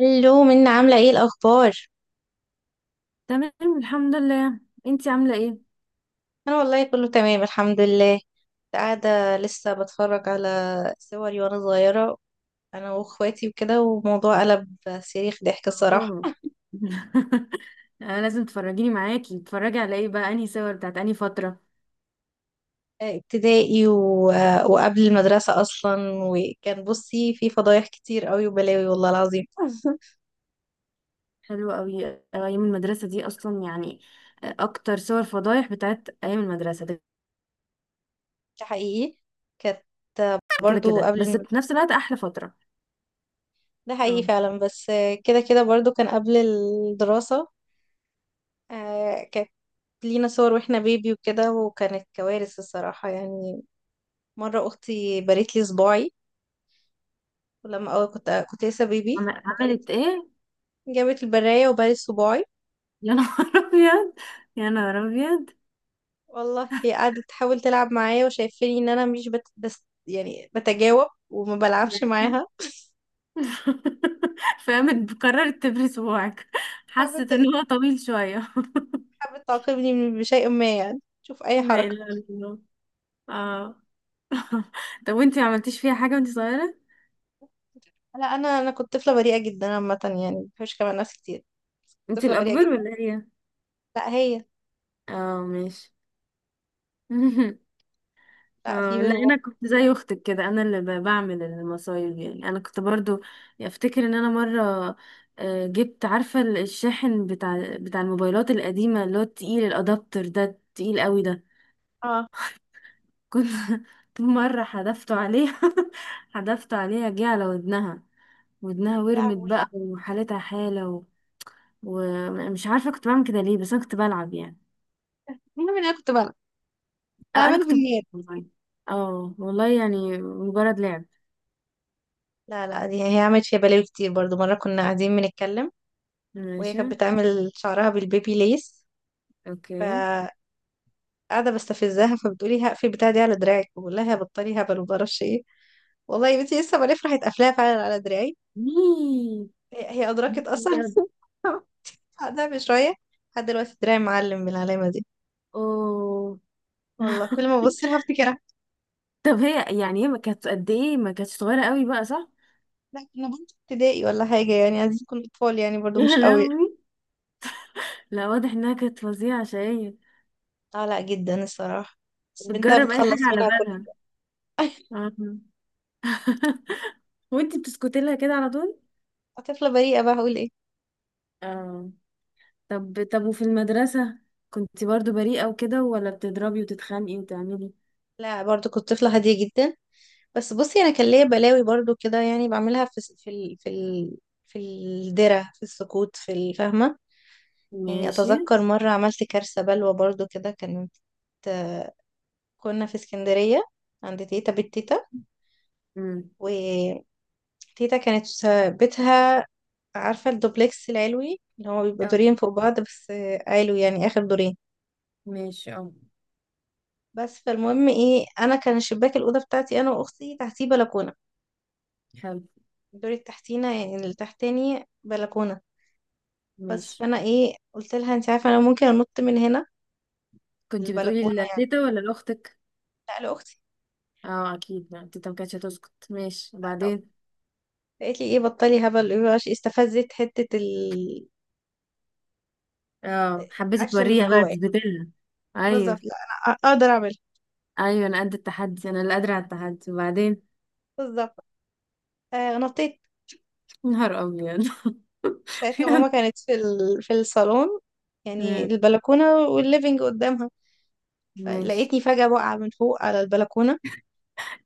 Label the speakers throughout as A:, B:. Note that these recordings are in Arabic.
A: الو منى، عاملة ايه الأخبار؟
B: تمام. الحمد لله. انتي عاملة ايه؟
A: أنا والله كله تمام الحمد لله. كنت قاعدة لسه بتفرج على صوري وأنا صغيرة، أنا وأخواتي وكده، وموضوع قلب صريخ ضحك الصراحة.
B: اه. انا لازم تفرجيني معاكي، تتفرجي على ايه بقى، انهي صور بتاعت انهي فترة؟
A: ابتدائي وقبل المدرسة أصلا، وكان بصي في فضايح كتير قوي وبلاوي والله العظيم.
B: حلوة قوي اه، ايام المدرسة دي اصلا يعني. اه، اكتر صور فضايح بتاعت ايام المدرسة ده.
A: ده حقيقي، كانت
B: كده
A: برضو
B: كده،
A: قبل
B: بس في نفس الوقت احلى فترة.
A: ده حقيقي
B: اه.
A: فعلا. بس كده كده برضو كان قبل الدراسة. لينا صور واحنا بيبي وكده، وكانت كوارث الصراحة يعني. مرة أختي بريت لي صباعي. ولما أول كنت لسه بيبي وجابت
B: عملت ايه؟
A: جابت البراية وبرت صباعي.
B: يا نهار ابيض. يا نهار ابيض.
A: والله هي قعدت تحاول تلعب معايا، وشايفاني إن أنا مش بس يعني بتجاوب وما بلعبش
B: ماشي.
A: معاها.
B: فقامت قررت تبري صباعك. حست
A: حابة
B: ان هو طويل شوية.
A: حابة تعاقبني بشيء ما، يعني شوف أي
B: لا
A: حركة.
B: اله الا الله. اه. طب وانتي ما عملتيش فيها حاجة وانتي صغيرة؟
A: لا، أنا كنت طفلة بريئة جدا عامة، يعني ما بحبش كمان ناس كتير.
B: انتي
A: طفلة بريئة
B: الأكبر
A: جدا.
B: ولا هي؟
A: لا هي.
B: اه، ماشي.
A: لا في.
B: اه لا، انا كنت زي اختك كده، انا اللي بعمل المصايب يعني، انا كنت برضو افتكر ان انا مرة جبت، عارفة الشاحن بتاع الموبايلات القديمة اللي هو التقيل الادابتر ده، التقيل قوي ده.
A: اه.
B: كنت كنت مرة حدفته عليها. حدفته عليها، جه على ودنها. ودنها
A: لا
B: ورمت
A: وي.
B: بقى وحالتها حالة و... ومش عارفة كنت بعمل كده ليه، بس انا كنت بلعب يعني.
A: المهم إن أنا كنت بلعب،
B: أو أنا
A: بعمله
B: كنت بلعب.
A: بالنيابة.
B: والله. اه والله، يعني مجرد لعب.
A: لا لا، دي هي عملت فيها بلاوي كتير برضو. مرة كنا قاعدين بنتكلم وهي
B: ماشي.
A: كانت بتعمل شعرها بالبيبي ليس،
B: اوكي.
A: فقاعدة بستفزها، فبتقولي هقفل بتاع دي على دراعك. بقول لها يا بطلي هبل ومعرفش ايه. والله يا بنتي لسه بلف راحت قافلاها فعلا على دراعي.
B: مي.
A: هي
B: يا
A: أدركت
B: نهار
A: أصلا
B: أبيض.
A: بعدها بشوية. لحد دلوقتي دراعي معلم بالعلامة دي،
B: اوه.
A: والله كل ما ببص لها افتكرها.
B: طب هي يعني هي ما كانت قد ايه، ما كانتش صغيرة قوي بقى، صح؟
A: لا، كنا بنت ابتدائي ولا حاجة يعني، عايزين نكون أطفال يعني برضو
B: يا
A: مش قوي.
B: لهوي. لا، واضح انها كانت فظيعة شقية.
A: اه لا جدا الصراحة، بس بنتها
B: بتجرب اي
A: بتخلص
B: حاجة على
A: منها كل
B: بالها. آه. وانتي بتسكتي لها كده على طول؟
A: طفلة بريئة بقى، هقول ايه.
B: اه. طب طب، وفي المدرسة كنتي برضو بريئة وكده، ولا بتضربي وتتخانقي وتعملي؟
A: لا برضو كنت طفلة هادية جدا. بس بصي، انا كان ليا بلاوي برضو كده، يعني بعملها في في في في الدرة، في السكوت، في الفهمة. يعني
B: ماشي.
A: اتذكر مرة عملت كارثة بلوى برضو كده. كانت كنا في اسكندرية عند تيتا، بيت تيتا.
B: امم.
A: وتيتا كانت بيتها، عارفة الدوبلكس العلوي اللي هو بيبقى
B: اه،
A: دورين فوق بعض بس، علوي يعني آخر دورين.
B: ماشي. اه.
A: بس فالمهم ايه، انا كان الشباك الأوضة بتاعتي انا واختي تحتيه بلكونة،
B: حلو.
A: الدور التحتينا يعني اللي تحتاني بلكونة. بس
B: ماشي.
A: فأنا إيه قلت لها أنت عارفة أنا ممكن أنط من هنا،
B: كنت
A: البلكونة
B: بتقولي
A: يعني.
B: لتيتا ولا لأختك؟
A: لا لأختي.
B: اه اكيد، ما تيتا ما كانتش هتسكت. ماشي وبعدين؟
A: قالت لي إيه بطلي هبل. إيه بقى، استفزت حتة
B: اه، حبيتي
A: الأكشن اللي
B: توريها بقى،
A: جوايا.
B: تثبتلها؟
A: بالظبط،
B: ايوه.
A: لا أنا أقدر أعملها.
B: ايوه، انا قد التحدي، انا اللي قادرة على التحدي. وبعدين؟
A: بالظبط، آه نطيت.
B: يا نهار ابيض.
A: ساعتها ماما كانت في في الصالون، يعني
B: امم،
A: البلكونة والليفينج قدامها.
B: ماشي.
A: فلقيتني فجأة واقعة من فوق على البلكونة.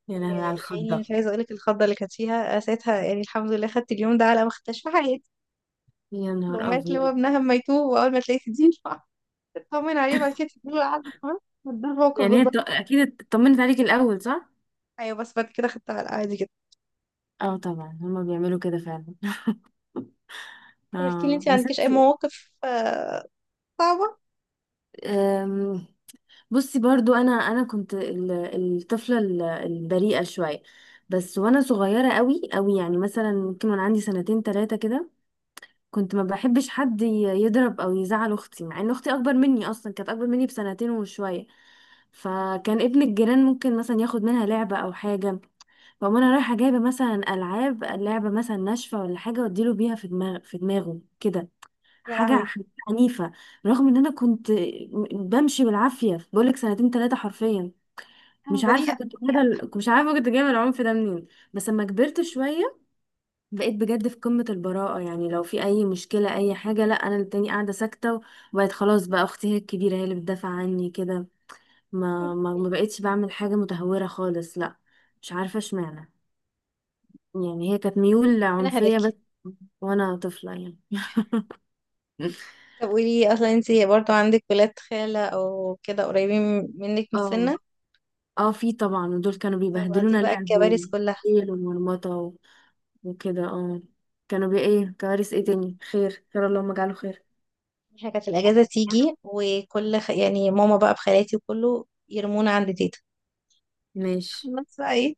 B: يا لهوي على
A: يا عيني،
B: الخضة.
A: مش عايزة أقولك الخضة اللي كانت فيها آه، ساعتها، يعني الحمد لله خدت اليوم ده على ما خدتهاش في حياتي.
B: يا نهار
A: الأمهات اللي هو
B: ابيض.
A: ابنها اما يتوب وأول ما تلاقيه تدين، تطمن عليه بعد كده تديله العقد كمان. ده الموقف
B: يعني هي
A: بالظبط.
B: اكيد اطمنت عليك الاول، صح؟
A: أيوه، بس بعد كده خدتها على عادي جدا.
B: اه طبعا، هما بيعملوا كده فعلا.
A: طب احكي لي،
B: اه
A: انت
B: بس.
A: عندكيش أي مواقف آه، صعبة؟
B: انت، بصي برضو انا كنت الطفله البريئه شويه بس، وانا صغيره قوي قوي يعني، مثلا ممكن وانا عندي سنتين ثلاثه كده كنت ما بحبش حد يضرب او يزعل اختي، مع ان اختي اكبر مني، اصلا كانت اكبر مني بسنتين وشويه. فكان ابن الجيران ممكن مثلا ياخد منها لعبه او حاجه، فأقوم انا رايحه جايبه مثلا العاب، لعبه مثلا ناشفه ولا حاجه، واديله بيها في دماغه كده.
A: يا
B: حاجة
A: لهوي.
B: حاجة عنيفة، رغم ان انا كنت بمشي بالعافية، بقولك سنتين تلاتة حرفيا.
A: أنا
B: مش عارفة
A: بريئة.
B: كنت جايبة ال- مش عارفة كنت جايبة العنف ده منين. بس لما كبرت شوية بقيت بجد في قمة البراءة، يعني لو في أي مشكلة أي حاجة، لا أنا التاني قاعدة ساكتة. وبقيت خلاص بقى، أختي هي الكبيرة، هي اللي بتدافع عني كده، ما بقيتش بعمل حاجة متهورة خالص، لا. مش عارفة اشمعنى، يعني هي كانت ميول
A: أنا
B: عنفية
A: هداكي.
B: بس، وأنا طفلة يعني.
A: طب قولي، أصلا انت برضو عندك ولاد خالة أو كده قريبين منك من
B: اه
A: السنة؟
B: اه، في طبعا، ودول كانوا
A: طب دي
B: بيبهدلونا
A: بقى
B: لعب
A: الكوارث كلها.
B: وشيل ومرمطة وكده، اه. كانوا ايه، كوارث ايه تاني، خير خير، اللهم اجعله خير.
A: احنا كانت الأجازة تيجي، وكل يعني ماما بقى بخالاتي وكله يرمونا عند تيتا. بس
B: ماشي.
A: بقى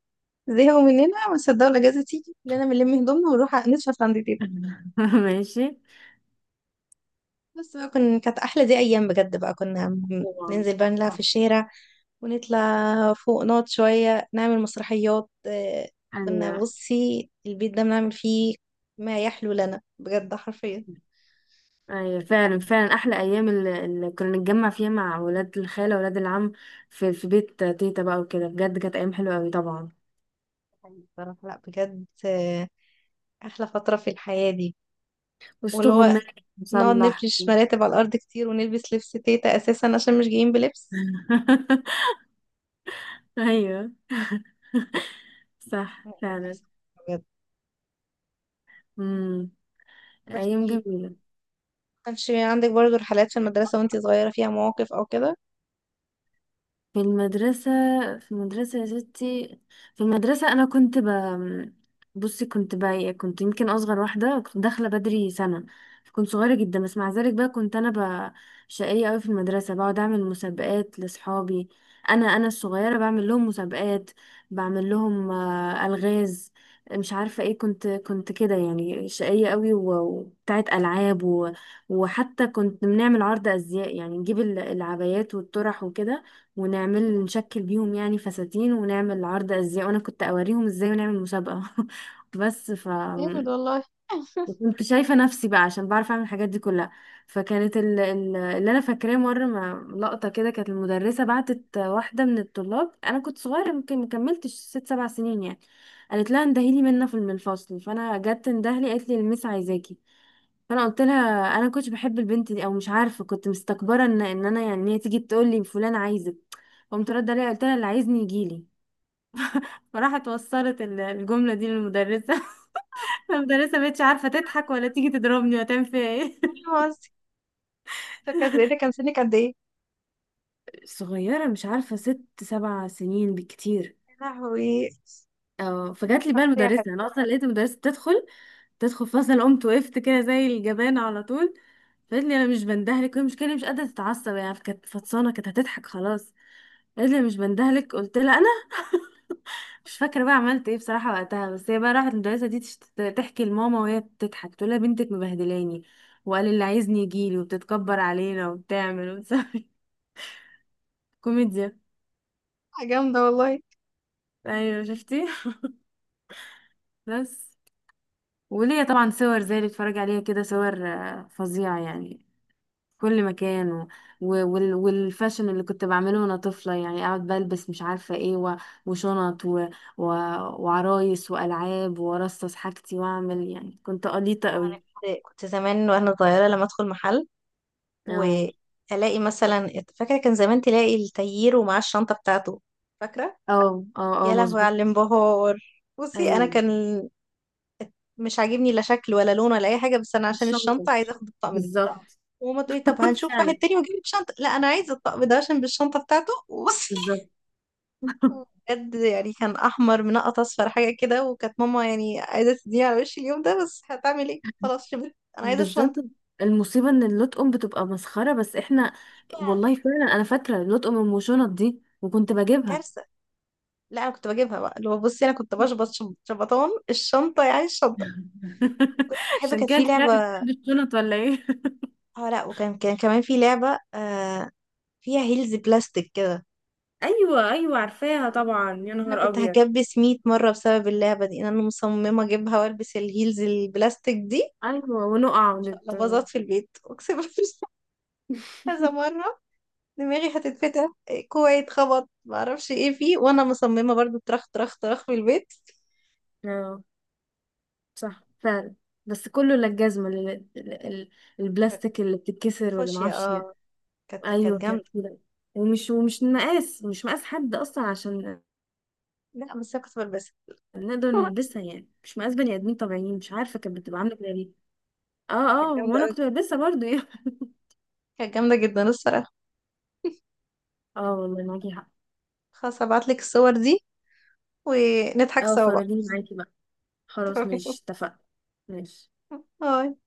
A: زهقوا مننا، ما صدقوا الاجازه تيجي كلنا بنلم هدومنا ونروح نشفط عند تيتا.
B: ماشي.
A: بس بقى كانت احلى دي ايام بجد بقى. كنا
B: طبعا.
A: ننزل بقى نلعب في
B: صح.
A: الشارع، ونطلع فوق نقعد شويه نعمل مسرحيات آه، كنا
B: ايوه
A: بصي البيت ده بنعمل فيه ما يحلو لنا بجد حرفيا.
B: ايوه، فعلا فعلا احلى ايام، اللي كنا نتجمع فيها مع ولاد الخاله ولاد العم في بيت تيتا بقى وكده، بجد كانت ايام حلوه قوي طبعا،
A: حقيقي بصراحه، لا بجد آه، احلى فتره في الحياه دي.
B: وسط
A: واللي هو
B: غماء
A: نقعد
B: مصلح.
A: نفرش مراتب على الارض كتير، ونلبس لبس تيتا اساسا عشان مش جايين بلبس.
B: ايوه. صح
A: لا، كانت أحسن بجد.
B: فعلا. أيام
A: بحكي.
B: جميلة.
A: كانش عندك برضو رحلات في المدرسة وانتي صغيرة فيها مواقف او كده؟
B: في المدرسة، في المدرسة يا ستي، في المدرسة أنا كنت بصي، كنت بقى إيه، كنت يمكن أصغر واحدة، كنت داخلة بدري سنة، كنت صغيرة جدا. بس مع ذلك بقى كنت أنا شقية أوي في المدرسة، بقعد أعمل مسابقات لأصحابي، أنا الصغيرة بعمل لهم مسابقات، بعمل لهم ألغاز، مش عارفة ايه. كنت كده يعني، شقية قوي وبتاعت ألعاب و... وحتى كنت بنعمل عرض أزياء، يعني نجيب العبايات والطرح وكده، ونعمل نشكل بيهم يعني فساتين، ونعمل عرض ازياء وانا كنت اوريهم ازاي، ونعمل مسابقة. بس.
A: جامد والله.
B: كنت شايفة نفسي بقى، عشان بعرف اعمل الحاجات دي كلها. فكانت اللي انا فاكراه مرة، ما لقطة كده، كانت المدرسة بعتت واحدة من الطلاب، انا كنت صغيرة يمكن مكملتش ست سبع سنين يعني، قالت لها اندهيلي منا في الفصل. فانا جت اندهلي، قالت لي: المس عايزاكي. فانا قلت لها، انا كنتش بحب البنت دي، او مش عارفه كنت مستكبره ان انا يعني، إن هي تيجي تقول لي فلان عايزك. قمت رد عليها قلت لها: اللي عايزني يجي لي. فراحت وصلت الجمله دي للمدرسه. المدرسه مبقتش عارفه تضحك ولا تيجي تضربني ولا تعمل فيها ايه.
A: مين؟ قصدي، فكانت ايه، ده كان سنك قد ايه؟
B: صغيره، مش عارفه، ست سبع سنين بالكتير.
A: يا لهوي.
B: اه، فجات لي بقى
A: شخصية
B: المدرسة،
A: حلوة.
B: انا اصلا لقيت المدرسة تدخل فصل، قمت وقفت كده زي الجبانة على طول. فقالت لي: انا مش بندهلك. وهي مش كده، مش قادرة تتعصب يعني، كانت فطسانة، كانت هتضحك خلاص. قالت لي: أنا مش بندهلك. قلت لها انا مش فاكرة بقى عملت ايه بصراحة وقتها. بس هي بقى راحت، المدرسة دي تحكي لماما وهي بتضحك، تقول لها: بنتك مبهدلاني وقال اللي عايزني يجيلي، وبتتكبر علينا وبتعمل وبتسوي. كوميديا.
A: جامدة والله. انا
B: ايوه شفتي. بس وليا طبعا صور زي اللي بتفرج عليها كده، صور فظيعة يعني، في كل مكان و... والفاشن اللي كنت بعمله وانا طفلة، يعني اقعد بلبس مش عارفة ايه و... وشنط و... و... وعرايس والعاب، وارصص حاجتي واعمل، يعني كنت قليطة قوي.
A: كنت زمان وانا صغيرة لما ادخل محل
B: اه
A: والاقي مثلا، فاكرة كان زمان تلاقي التاير ومعاه الشنطة بتاعته، فاكرة؟
B: اه اه اه،
A: يا لهوي
B: مظبوط.
A: على الانبهار. بصي انا
B: ايوه.
A: كان مش عاجبني لا شكل ولا لون ولا اي حاجة، بس انا عشان
B: الشنطة.
A: الشنطة عايزة اخد الطقم ده.
B: بالظبط.
A: وماما تقولي طب هنشوف واحد
B: فعلا.
A: تاني واجيب لك شنطة. لا انا عايزة الطقم ده عشان بالشنطة بتاعته. وبصي
B: بالظبط.
A: بجد، يعني كان احمر منقط اصفر حاجه كده، وكانت ماما يعني عايزه تديني على وشي اليوم ده، بس هتعمل ايه خلاص، شبعت، انا عايزه
B: بالذات.
A: الشنطه.
B: المصيبة ان اللطقم بتبقى مسخرة، بس احنا،
A: آه،
B: والله فعلا، انا فاكرة اللطقم ام شنط دي، وكنت
A: كنت
B: بجيبها.
A: كارثه. لا انا كنت بجيبها بقى، اللي هو بصي انا كنت بشبط شبطان الشنطه، يعني الشنطه. كنت بحب،
B: عشان
A: كانت
B: كده
A: في
B: انت طلعت
A: لعبه.
B: بتحب الشنط، ولا ايه؟
A: اه لا، وكان كان كمان في لعبه آه، فيها هيلز بلاستيك كده.
B: ايوه ايوه عارفاها طبعا. يا
A: انا
B: نهار
A: كنت
B: ابيض.
A: هكبس 100 مره بسبب اللعبه دي، إن انا مصممه اجيبها والبس الهيلز البلاستيك دي.
B: ايوه، ونقع
A: عشان
B: ونت...
A: ابقى باظت في البيت اقسم بالله كذا مره. دماغي هتتفتح إيه، كوعي اتخبط معرفش ايه فيه، وانا مصممه برضو طرخ طرخ طرخ في البيت.
B: اه صح فعلا. بس كله، لا الجزمة ال- ال-
A: كانت
B: البلاستيك اللي بتتكسر ولا
A: فاشيه
B: معرفش ايه.
A: اه، كانت
B: ايوه
A: كانت
B: كده
A: جامده.
B: كده. ومش ومش مقاس مش مقاس حد اصلا عشان
A: لا بس انا كنت بلبسها
B: نقدر نلبسها يعني، مش مقاس بني ادمين طبيعيين، مش عارفه كانت بتبقى عامله كده ليه. اه.
A: كانت
B: اه،
A: جامده
B: وانا
A: قوي.
B: كنت بلبسها برضو يعني.
A: كانت جامده جدا الصراحه.
B: اه والله، معاكي حق.
A: خلاص هبعتلك الصور دي ونضحك
B: اه،
A: سوا بقى.
B: فرجيني معاكي بقى. خلاص
A: تمام.
B: ماشي، اتفقنا. ماشي.
A: باي.